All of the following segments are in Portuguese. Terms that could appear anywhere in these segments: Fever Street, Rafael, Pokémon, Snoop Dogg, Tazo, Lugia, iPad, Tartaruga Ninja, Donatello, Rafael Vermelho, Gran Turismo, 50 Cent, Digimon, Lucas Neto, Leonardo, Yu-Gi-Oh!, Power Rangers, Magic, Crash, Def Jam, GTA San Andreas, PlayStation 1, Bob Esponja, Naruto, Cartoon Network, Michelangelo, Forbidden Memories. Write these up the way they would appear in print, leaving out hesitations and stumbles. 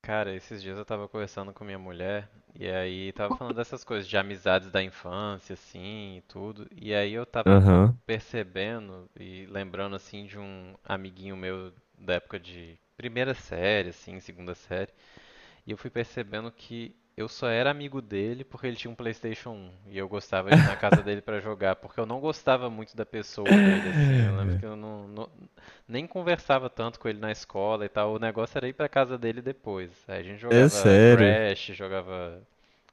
Cara, esses dias eu tava conversando com minha mulher e aí tava falando dessas coisas de amizades da infância, assim, e tudo. E aí eu tava Aham. percebendo e lembrando, assim, de um amiguinho meu da época de primeira série, assim, segunda série. E eu fui percebendo que eu só era amigo dele porque ele tinha um PlayStation 1 e eu gostava de ir na casa dele pra jogar, porque eu não gostava muito da pessoa dele, assim. Eu lembro que eu não, não, nem conversava tanto com ele na escola e tal. O negócio era ir pra casa dele depois. Aí a gente É jogava sério. Crash, jogava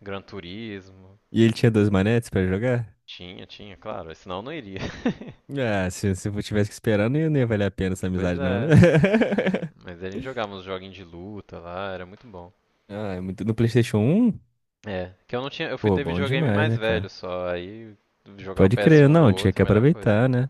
Gran Turismo. E ele tinha dois manetes pra jogar? Tinha, tinha, claro. Senão eu não iria. Ah, se eu tivesse que esperar, não ia valer a pena essa Pois amizade, não, né? é. Mas a gente jogava uns joguinhos de luta lá, era muito bom. Ah, é muito no PlayStation 1. É, que eu não tinha. Eu fui Pô, ter bom videogame demais, mais né, velho cara? só. Aí jogar o Pode crer, PS1 do não, tinha outro é que a melhor coisa. aproveitar, né?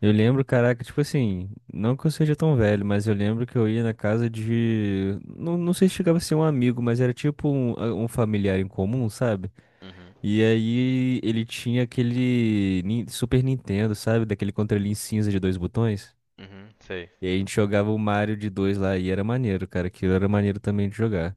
Eu lembro, caraca, tipo assim, não que eu seja tão velho, mas eu lembro que eu ia na casa de. Não, não sei se chegava a ser um amigo, mas era tipo um familiar em comum, sabe? Uhum. E aí ele tinha aquele Super Nintendo, sabe? Daquele controlinho cinza de dois botões. Uhum, sei. E aí a gente jogava o Mario de dois lá e era maneiro, cara. Aquilo era maneiro também de jogar.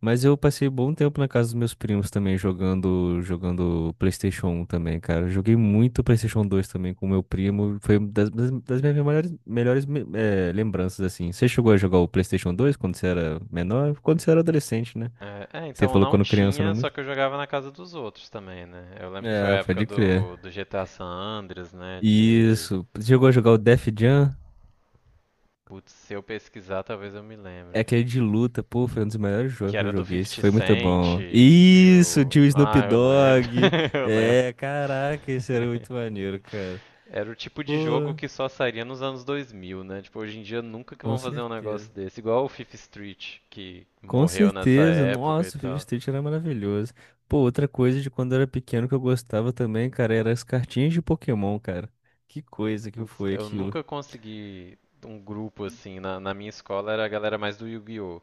Mas eu passei bom tempo na casa dos meus primos também jogando PlayStation 1 também, cara. Eu joguei muito PlayStation 2 também com meu primo. Foi uma das minhas melhores lembranças, assim. Você chegou a jogar o PlayStation 2 quando você era menor? Quando você era adolescente, né? É, é, Você então falou não quando criança, não tinha, só muito? que eu jogava na casa dos outros também, né? Eu lembro que foi a É, época pode crer. do GTA San Andreas, né? De. Isso. Chegou a jogar o Def Jam? Putz, se eu pesquisar, talvez eu me É lembre. aquele de luta, pô, foi um dos melhores Que jogos que eu era do joguei. Esse 50 foi muito Cent bom. e Isso, o. tinha o Snoop Ah, eu lembro. Dogg. Eu lembro. É, caraca, esse era muito maneiro, cara. Era o tipo de Pô, jogo que só sairia nos anos 2000, né? Tipo, hoje em dia nunca que com vão fazer um negócio certeza. desse. Igual o Fifth Street, que Com morreu nessa certeza. época e Nossa, o Fever tal. Street era maravilhoso. Pô, outra coisa de quando eu era pequeno que eu gostava também, cara, eram as cartinhas de Pokémon, cara. Que coisa que Putz, foi eu aquilo. nunca consegui um grupo assim. Na minha escola era a galera mais do Yu-Gi-Oh!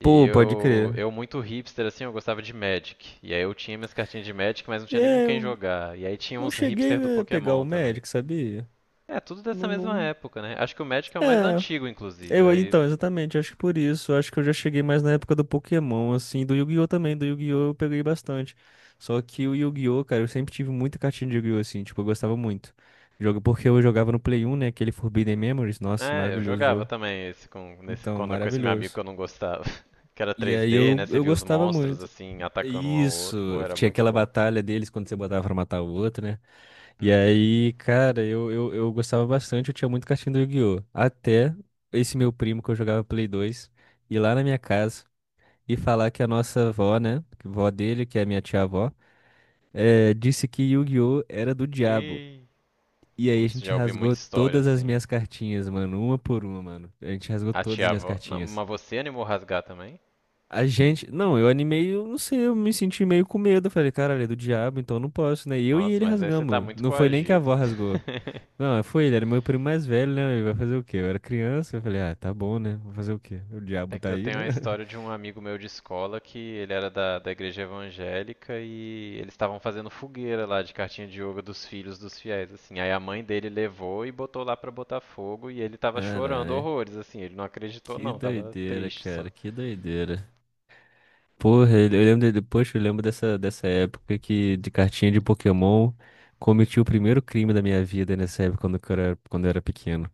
E Pô, pode eu, crer. eu muito hipster assim, eu gostava de Magic. E aí eu tinha minhas cartinhas de Magic, mas não tinha nem com É, quem eu jogar. E aí tinha não uns hipster do cheguei a pegar o Pokémon também. Magic, sabia? É, tudo Não, dessa mesma não... época, né? Acho que o Magic é o mais É. antigo, inclusive. Eu, Aí, então, exatamente, acho que por isso, acho que eu já cheguei mais na época do Pokémon, assim, do Yu-Gi-Oh! Também, do Yu-Gi-Oh! Eu peguei bastante. Só que o Yu-Gi-Oh! Cara, eu sempre tive muita cartinha de Yu-Gi-Oh! Assim, tipo, eu gostava muito. Jogo porque eu jogava no Play 1, né, aquele Forbidden Memories, nossa, é, eu maravilhoso o jogava jogo. também esse com, nesse, Então, quando, com esse meu amigo que maravilhoso. eu não gostava. Que era E aí 3D, né? eu, Você eu via os gostava monstros muito. assim, atacando um ao outro. Porra, Isso, era tinha muito aquela bom. batalha deles quando você botava pra matar o outro, né? E Uhum. aí, cara, eu gostava bastante, eu tinha muito cartinha do Yu-Gi-Oh! Até esse meu primo que eu jogava Play 2 ir lá na minha casa e falar que a nossa avó, né? Que vó dele, que é a minha tia-avó, disse que Yu-Gi-Oh! Era do diabo. E, E aí a putz, gente já ouvi rasgou muita história todas as assim. minhas cartinhas, mano, uma por uma, mano. A gente rasgou A todas tia as minhas avó. Não, cartinhas. mas você animou rasgar também? A gente. Não, eu animei, eu não sei, eu me senti meio com medo. Eu falei, caralho, é do diabo, então eu não posso, né? E eu e Nossa, ele mas aí você tá rasgamos. muito Não foi nem que a coagido. avó rasgou. Não, foi ele, era meu primo mais velho, né? Ele vai fazer o quê? Eu era criança, eu falei, ah, tá bom, né? Vou fazer o quê? O diabo É tá que eu aí, tenho né? a história de um amigo meu de escola que ele era da igreja evangélica e eles estavam fazendo fogueira lá de cartinha de yoga dos filhos dos fiéis, assim. Aí a mãe dele levou e botou lá pra botar fogo e ele tava chorando Caralho, horrores, assim. Ele não acreditou, que não, tava doideira, triste cara, só. que doideira. Porra, eu lembro, poxa, eu lembro dessa época que de cartinha de Pokémon cometi o primeiro crime da minha vida nessa época quando eu era pequeno.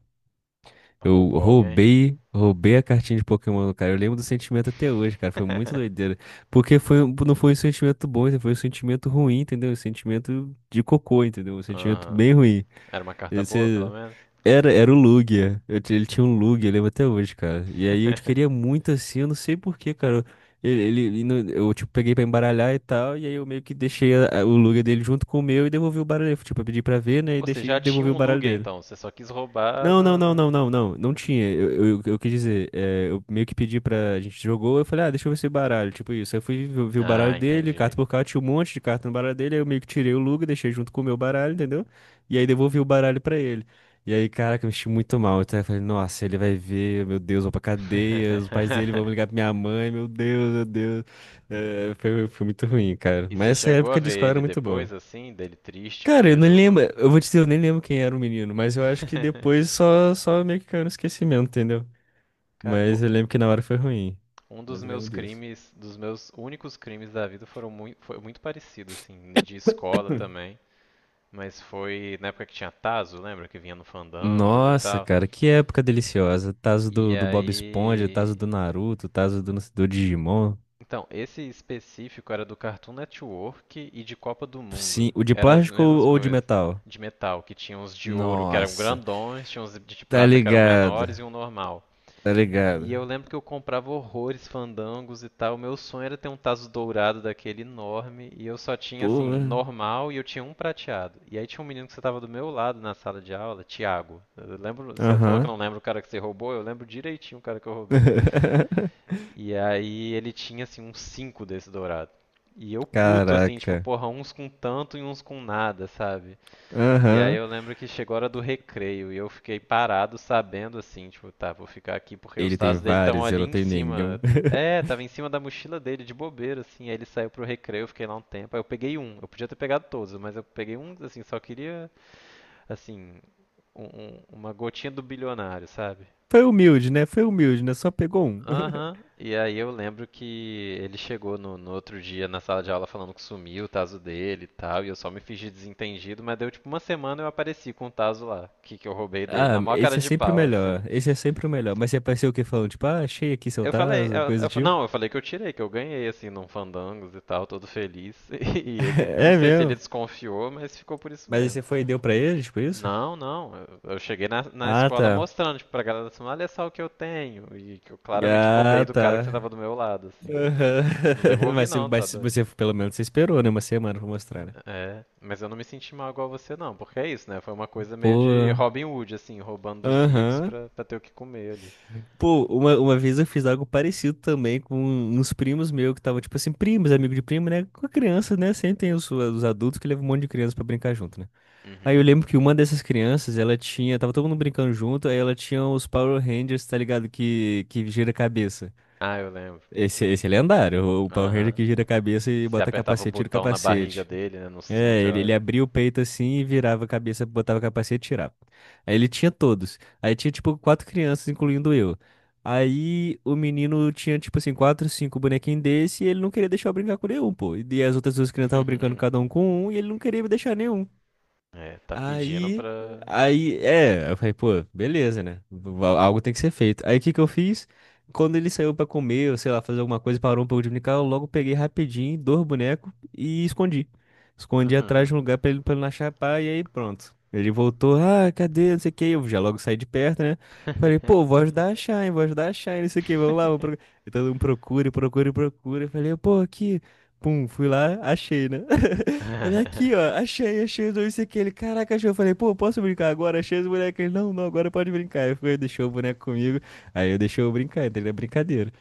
Eu Roubou alguém? roubei a cartinha de Pokémon, cara. Eu lembro do sentimento até hoje, cara. Foi muito doideira. Porque foi, não foi um sentimento bom, entendeu? Foi um sentimento ruim, entendeu? Um sentimento de cocô, entendeu? Um sentimento Aham. bem ruim. Era uma carta boa, pelo Esse menos? era, era o Lugia. Ele tinha um Lugia, eu lembro até hoje, cara. E aí eu queria muito assim, eu não sei por quê, cara. Ele- ele não- tipo, peguei pra embaralhar e tal, e aí eu meio que deixei o Lugia dele junto com o meu e devolvi o baralho. Tipo, eu pedi pra ver, né? E Você deixei, já tinha devolvi o um baralho Lugia dele. então, você só quis roubar Não, não, na, não, na- não, não, não. Não tinha. Eu quis dizer, é, eu meio que pedi pra. A gente jogou, eu falei, ah, deixa eu ver esse baralho. Tipo isso. Aí eu fui ver o baralho Ah, dele, entendi. carta por carta, tinha um monte de carta no baralho dele. Aí eu meio que tirei o Luga, deixei junto com o meu baralho, entendeu? E aí devolvi o baralho pra ele. E aí, caraca, eu me senti muito mal. Então eu falei, nossa, ele vai ver, meu Deus, vou pra cadeia, os pais dele vão ligar pra minha mãe, meu Deus, meu Deus. É, foi muito ruim, cara. E você Mas essa chegou a época de ver escola ele era muito boa. depois, assim, dele triste que Cara, eu não perdeu o lembro. look? Eu vou te dizer, eu nem lembro quem era o menino, mas eu acho que depois só meio que caiu no esquecimento, entendeu? Cara, Mas eu lembro que na hora foi ruim. um Mas dos eu lembro meus disso. crimes, dos meus únicos crimes da vida foram muito, foi muito parecido, assim, de escola também. Mas foi na época que tinha Tazo, lembra? Que vinha no Fandangos e Nossa, tal. cara, que época deliciosa. Tazo E do Bob Esponja, aí Tazo do Naruto, Tazo do Digimon. então, esse específico era do Cartoon Network e de Copa do Sim, Mundo. o de Eram as plástico mesmas ou de coisas. metal? De metal, que tinha uns de ouro que eram Nossa, grandões, tinha uns de tá prata que eram ligado, menores e um normal. tá ligado. E eu lembro que eu comprava horrores, fandangos e tal. Meu sonho era ter um tazo dourado daquele enorme. E eu só tinha, assim, Porra. normal e eu tinha um prateado. E aí tinha um menino que estava do meu lado na sala de aula, Thiago. Eu lembro, você falou que eu Aham. não lembro o cara que você roubou, eu lembro direitinho o cara que eu roubei. E aí ele tinha, assim, uns cinco desse dourado. E eu puto, assim, tipo, Caraca. porra, uns com tanto e uns com nada, sabe? E aí Aham. eu lembro que chegou a hora do recreio e eu fiquei parado sabendo, assim, tipo, tá, vou ficar aqui porque os Ele tem tazos dele estão vários, eu ali não em tenho nenhum. cima. É, tava em cima da mochila dele, de bobeira, assim. Aí ele saiu pro recreio, eu fiquei lá um tempo. Aí eu peguei um, eu podia ter pegado todos, mas eu peguei um, assim, só queria, assim, uma gotinha do bilionário, sabe? Foi humilde, né? Foi humilde, né? Só pegou um. Aham. E aí eu lembro que ele chegou no outro dia na sala de aula falando que sumiu o taso dele e tal, e eu só me fingi desentendido, mas deu tipo uma semana eu apareci com o taso lá, que eu roubei dele, Ah, na maior cara esse é de sempre o pau, melhor. assim. Esse é sempre o melhor. Mas você apareceu o quê? Falando, tipo, ah, achei aqui seu Eu falei, tazo, coisa do tipo. não, eu falei que eu tirei, que eu ganhei, assim, num Fandangos e tal, todo feliz. E ele, não É sei se ele mesmo. desconfiou, mas ficou por isso Mas aí mesmo. você foi e deu pra ele, tipo isso? Não, não. Eu cheguei na Ah, escola tá. mostrando, tipo, pra galera assim, olha só o que eu tenho. E que eu claramente roubei Ah, do cara que sentava tá. do meu lado, assim. Aham. Não devolvi Mas, não, tá mas doido? você, pelo menos, você esperou, né? Uma semana pra mostrar, né? É, mas eu não me senti mal igual você não, porque é isso, né? Foi uma coisa meio de Pô. Robin Hood, assim, roubando dos ricos Aham. pra ter o que comer ali. Pô, uma vez eu fiz algo parecido também com uns primos meus que estavam, tipo assim, primos, amigo de primo, né? Com a criança, né? Sempre tem os adultos que levam um monte de criança pra brincar junto, né? Aí eu Uhum. lembro que uma dessas crianças, ela tinha, tava todo mundo brincando junto, aí ela tinha os Power Rangers, tá ligado? Que gira a cabeça. Ah, eu lembro. Esse é lendário, o Uhum. Power Ranger Aham. que gira a cabeça e Se bota apertava o capacete, tira o botão na barriga capacete. dele, né? No É, cinto, eu ele acho. abria o peito assim e virava a cabeça, botava o capacete e tirava. Aí ele tinha todos. Aí tinha tipo quatro crianças, incluindo eu. Aí o menino tinha tipo assim, quatro, cinco bonequinhos desse e ele não queria deixar eu brincar com nenhum, pô. E as outras duas crianças estavam brincando cada um com um e ele não queria me deixar nenhum. É, tá pedindo Aí, pra. É, eu falei, pô, beleza, né? Algo tem que ser feito. Aí o que que eu fiz? Quando ele saiu pra comer, ou sei lá, fazer alguma coisa, parou um pouco de brincar, eu logo peguei rapidinho, dois bonecos e escondi. Escondi atrás de um lugar pra ele não achar pá, e aí pronto. Ele voltou, ah, cadê? Não sei o que. Eu já logo saí de perto, né? Falei, pô, vou ajudar a achar, hein? Vou ajudar a achar, hein? Não sei o que, vamos lá, vamos procurar. Então, procura, procura, procura. Eu falei, pô, aqui. Pum, fui lá, achei, né? Olha aqui, ó. Achei, achei os dois isso aqui. Ele, caraca, achei. Eu falei, pô, posso brincar agora? Achei os bonecos. Ele, não, não, agora pode brincar. Eu fui, deixou o boneco comigo. Aí eu deixei eu brincar, entendeu? É brincadeira.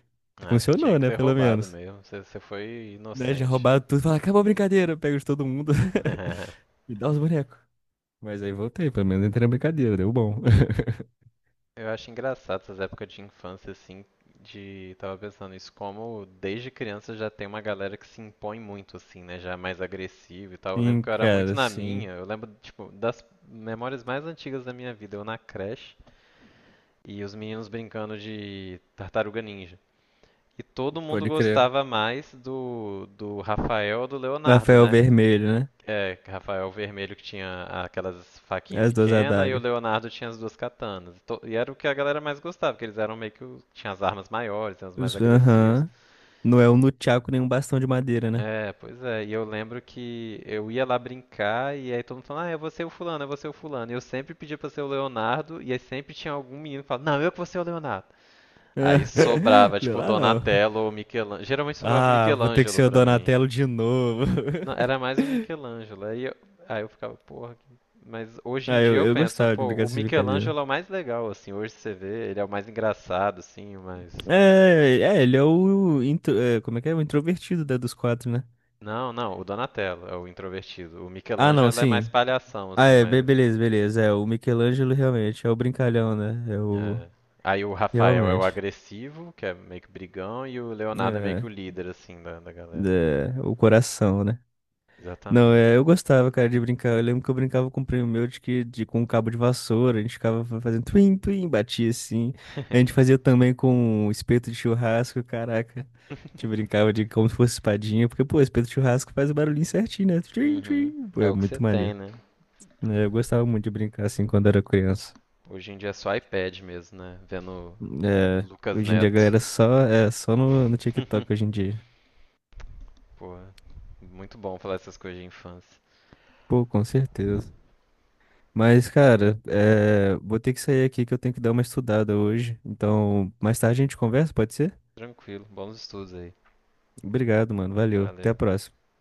Ah, você tinha Funcionou, que né? ter Pelo roubado menos. mesmo. Você, você foi Né? Já inocente. roubaram tudo. Fala, acabou a brincadeira. Pega de todo mundo e dá os bonecos. Mas aí voltei, pelo menos entrei na brincadeira, deu bom. Eu acho engraçado essas épocas de infância, assim, de... Tava pensando isso, como desde criança já tem uma galera que se impõe muito, assim, né? Já é mais agressivo e tal. Eu lembro Sim, que eu era muito cara, na sim. minha, eu lembro, tipo, das memórias mais antigas da minha vida, eu na creche e os meninos brincando de Tartaruga Ninja. E todo mundo Pode crer. gostava mais do Rafael ou do Leonardo, Rafael né? Vermelho, né? É, Rafael Vermelho que tinha aquelas faquinhas As duas pequenas e o adagas. Leonardo tinha as duas katanas. E era o que a galera mais gostava, porque eles eram meio que o... tinha as armas maiores, eram os mais agressivos. Aham. Não é um nunchaku nem um bastão de madeira, né? É, pois é. E eu lembro que eu ia lá brincar e aí todo mundo falando, ah, eu vou ser o fulano, eu vou ser o fulano. E eu sempre pedia pra ser o Leonardo e aí sempre tinha algum menino que falava, não, eu que vou ser o Leonardo. Aí sobrava, Não é tipo, lá não. Donatello ou Michelangelo. Geralmente sobrava Ah, vou ter que Michelangelo ser o pra mim. Donatello de novo. Não, era mais o Michelangelo. Aí eu ficava, porra. Que- Mas hoje em Ah, dia eu eu penso, gostava de pô, brincar o dessa brincadeira. Michelangelo é o mais legal, assim. Hoje você vê, ele é o mais engraçado, assim, o mais. É, ele é o. É, como é que é? O introvertido dos quatro, né? Não, não, o Donatello é o introvertido. O Ah, não, Michelangelo é mais sim. palhação, Ah, assim, é, mas. beleza, beleza. É, o Michelangelo realmente é o brincalhão, né? É o. É. Aí o Rafael é o Realmente. agressivo, que é meio que brigão, e o Leonardo é meio que É, o líder, assim, da galera. é, o coração, né? Não, Exatamente. é, eu gostava, cara, de brincar. Eu lembro que eu brincava com um primo meu de que de, com um cabo de vassoura, a gente ficava fazendo twin, twin, batia assim. A gente fazia também com um espeto de churrasco, caraca. A gente brincava de como se fosse espadinha, porque, pô, espeto de churrasco faz o barulhinho certinho, né? Twin, Uhum. twin. Pô, É é o que você muito tem, maneiro. né? Né? Eu gostava muito de brincar assim quando era criança. Hoje em dia é só iPad mesmo, né? Vendo É, Lucas hoje em dia a Neto. galera só, é, só no TikTok hoje em dia. Porra, muito bom falar essas coisas de infância. Pô, com certeza. Mas, cara, é, vou ter que sair aqui que eu tenho que dar uma estudada hoje. Então, mais tarde a gente conversa, pode ser? Tranquilo, bons estudos aí. Obrigado, mano. Valeu. Até a Valeu. próxima.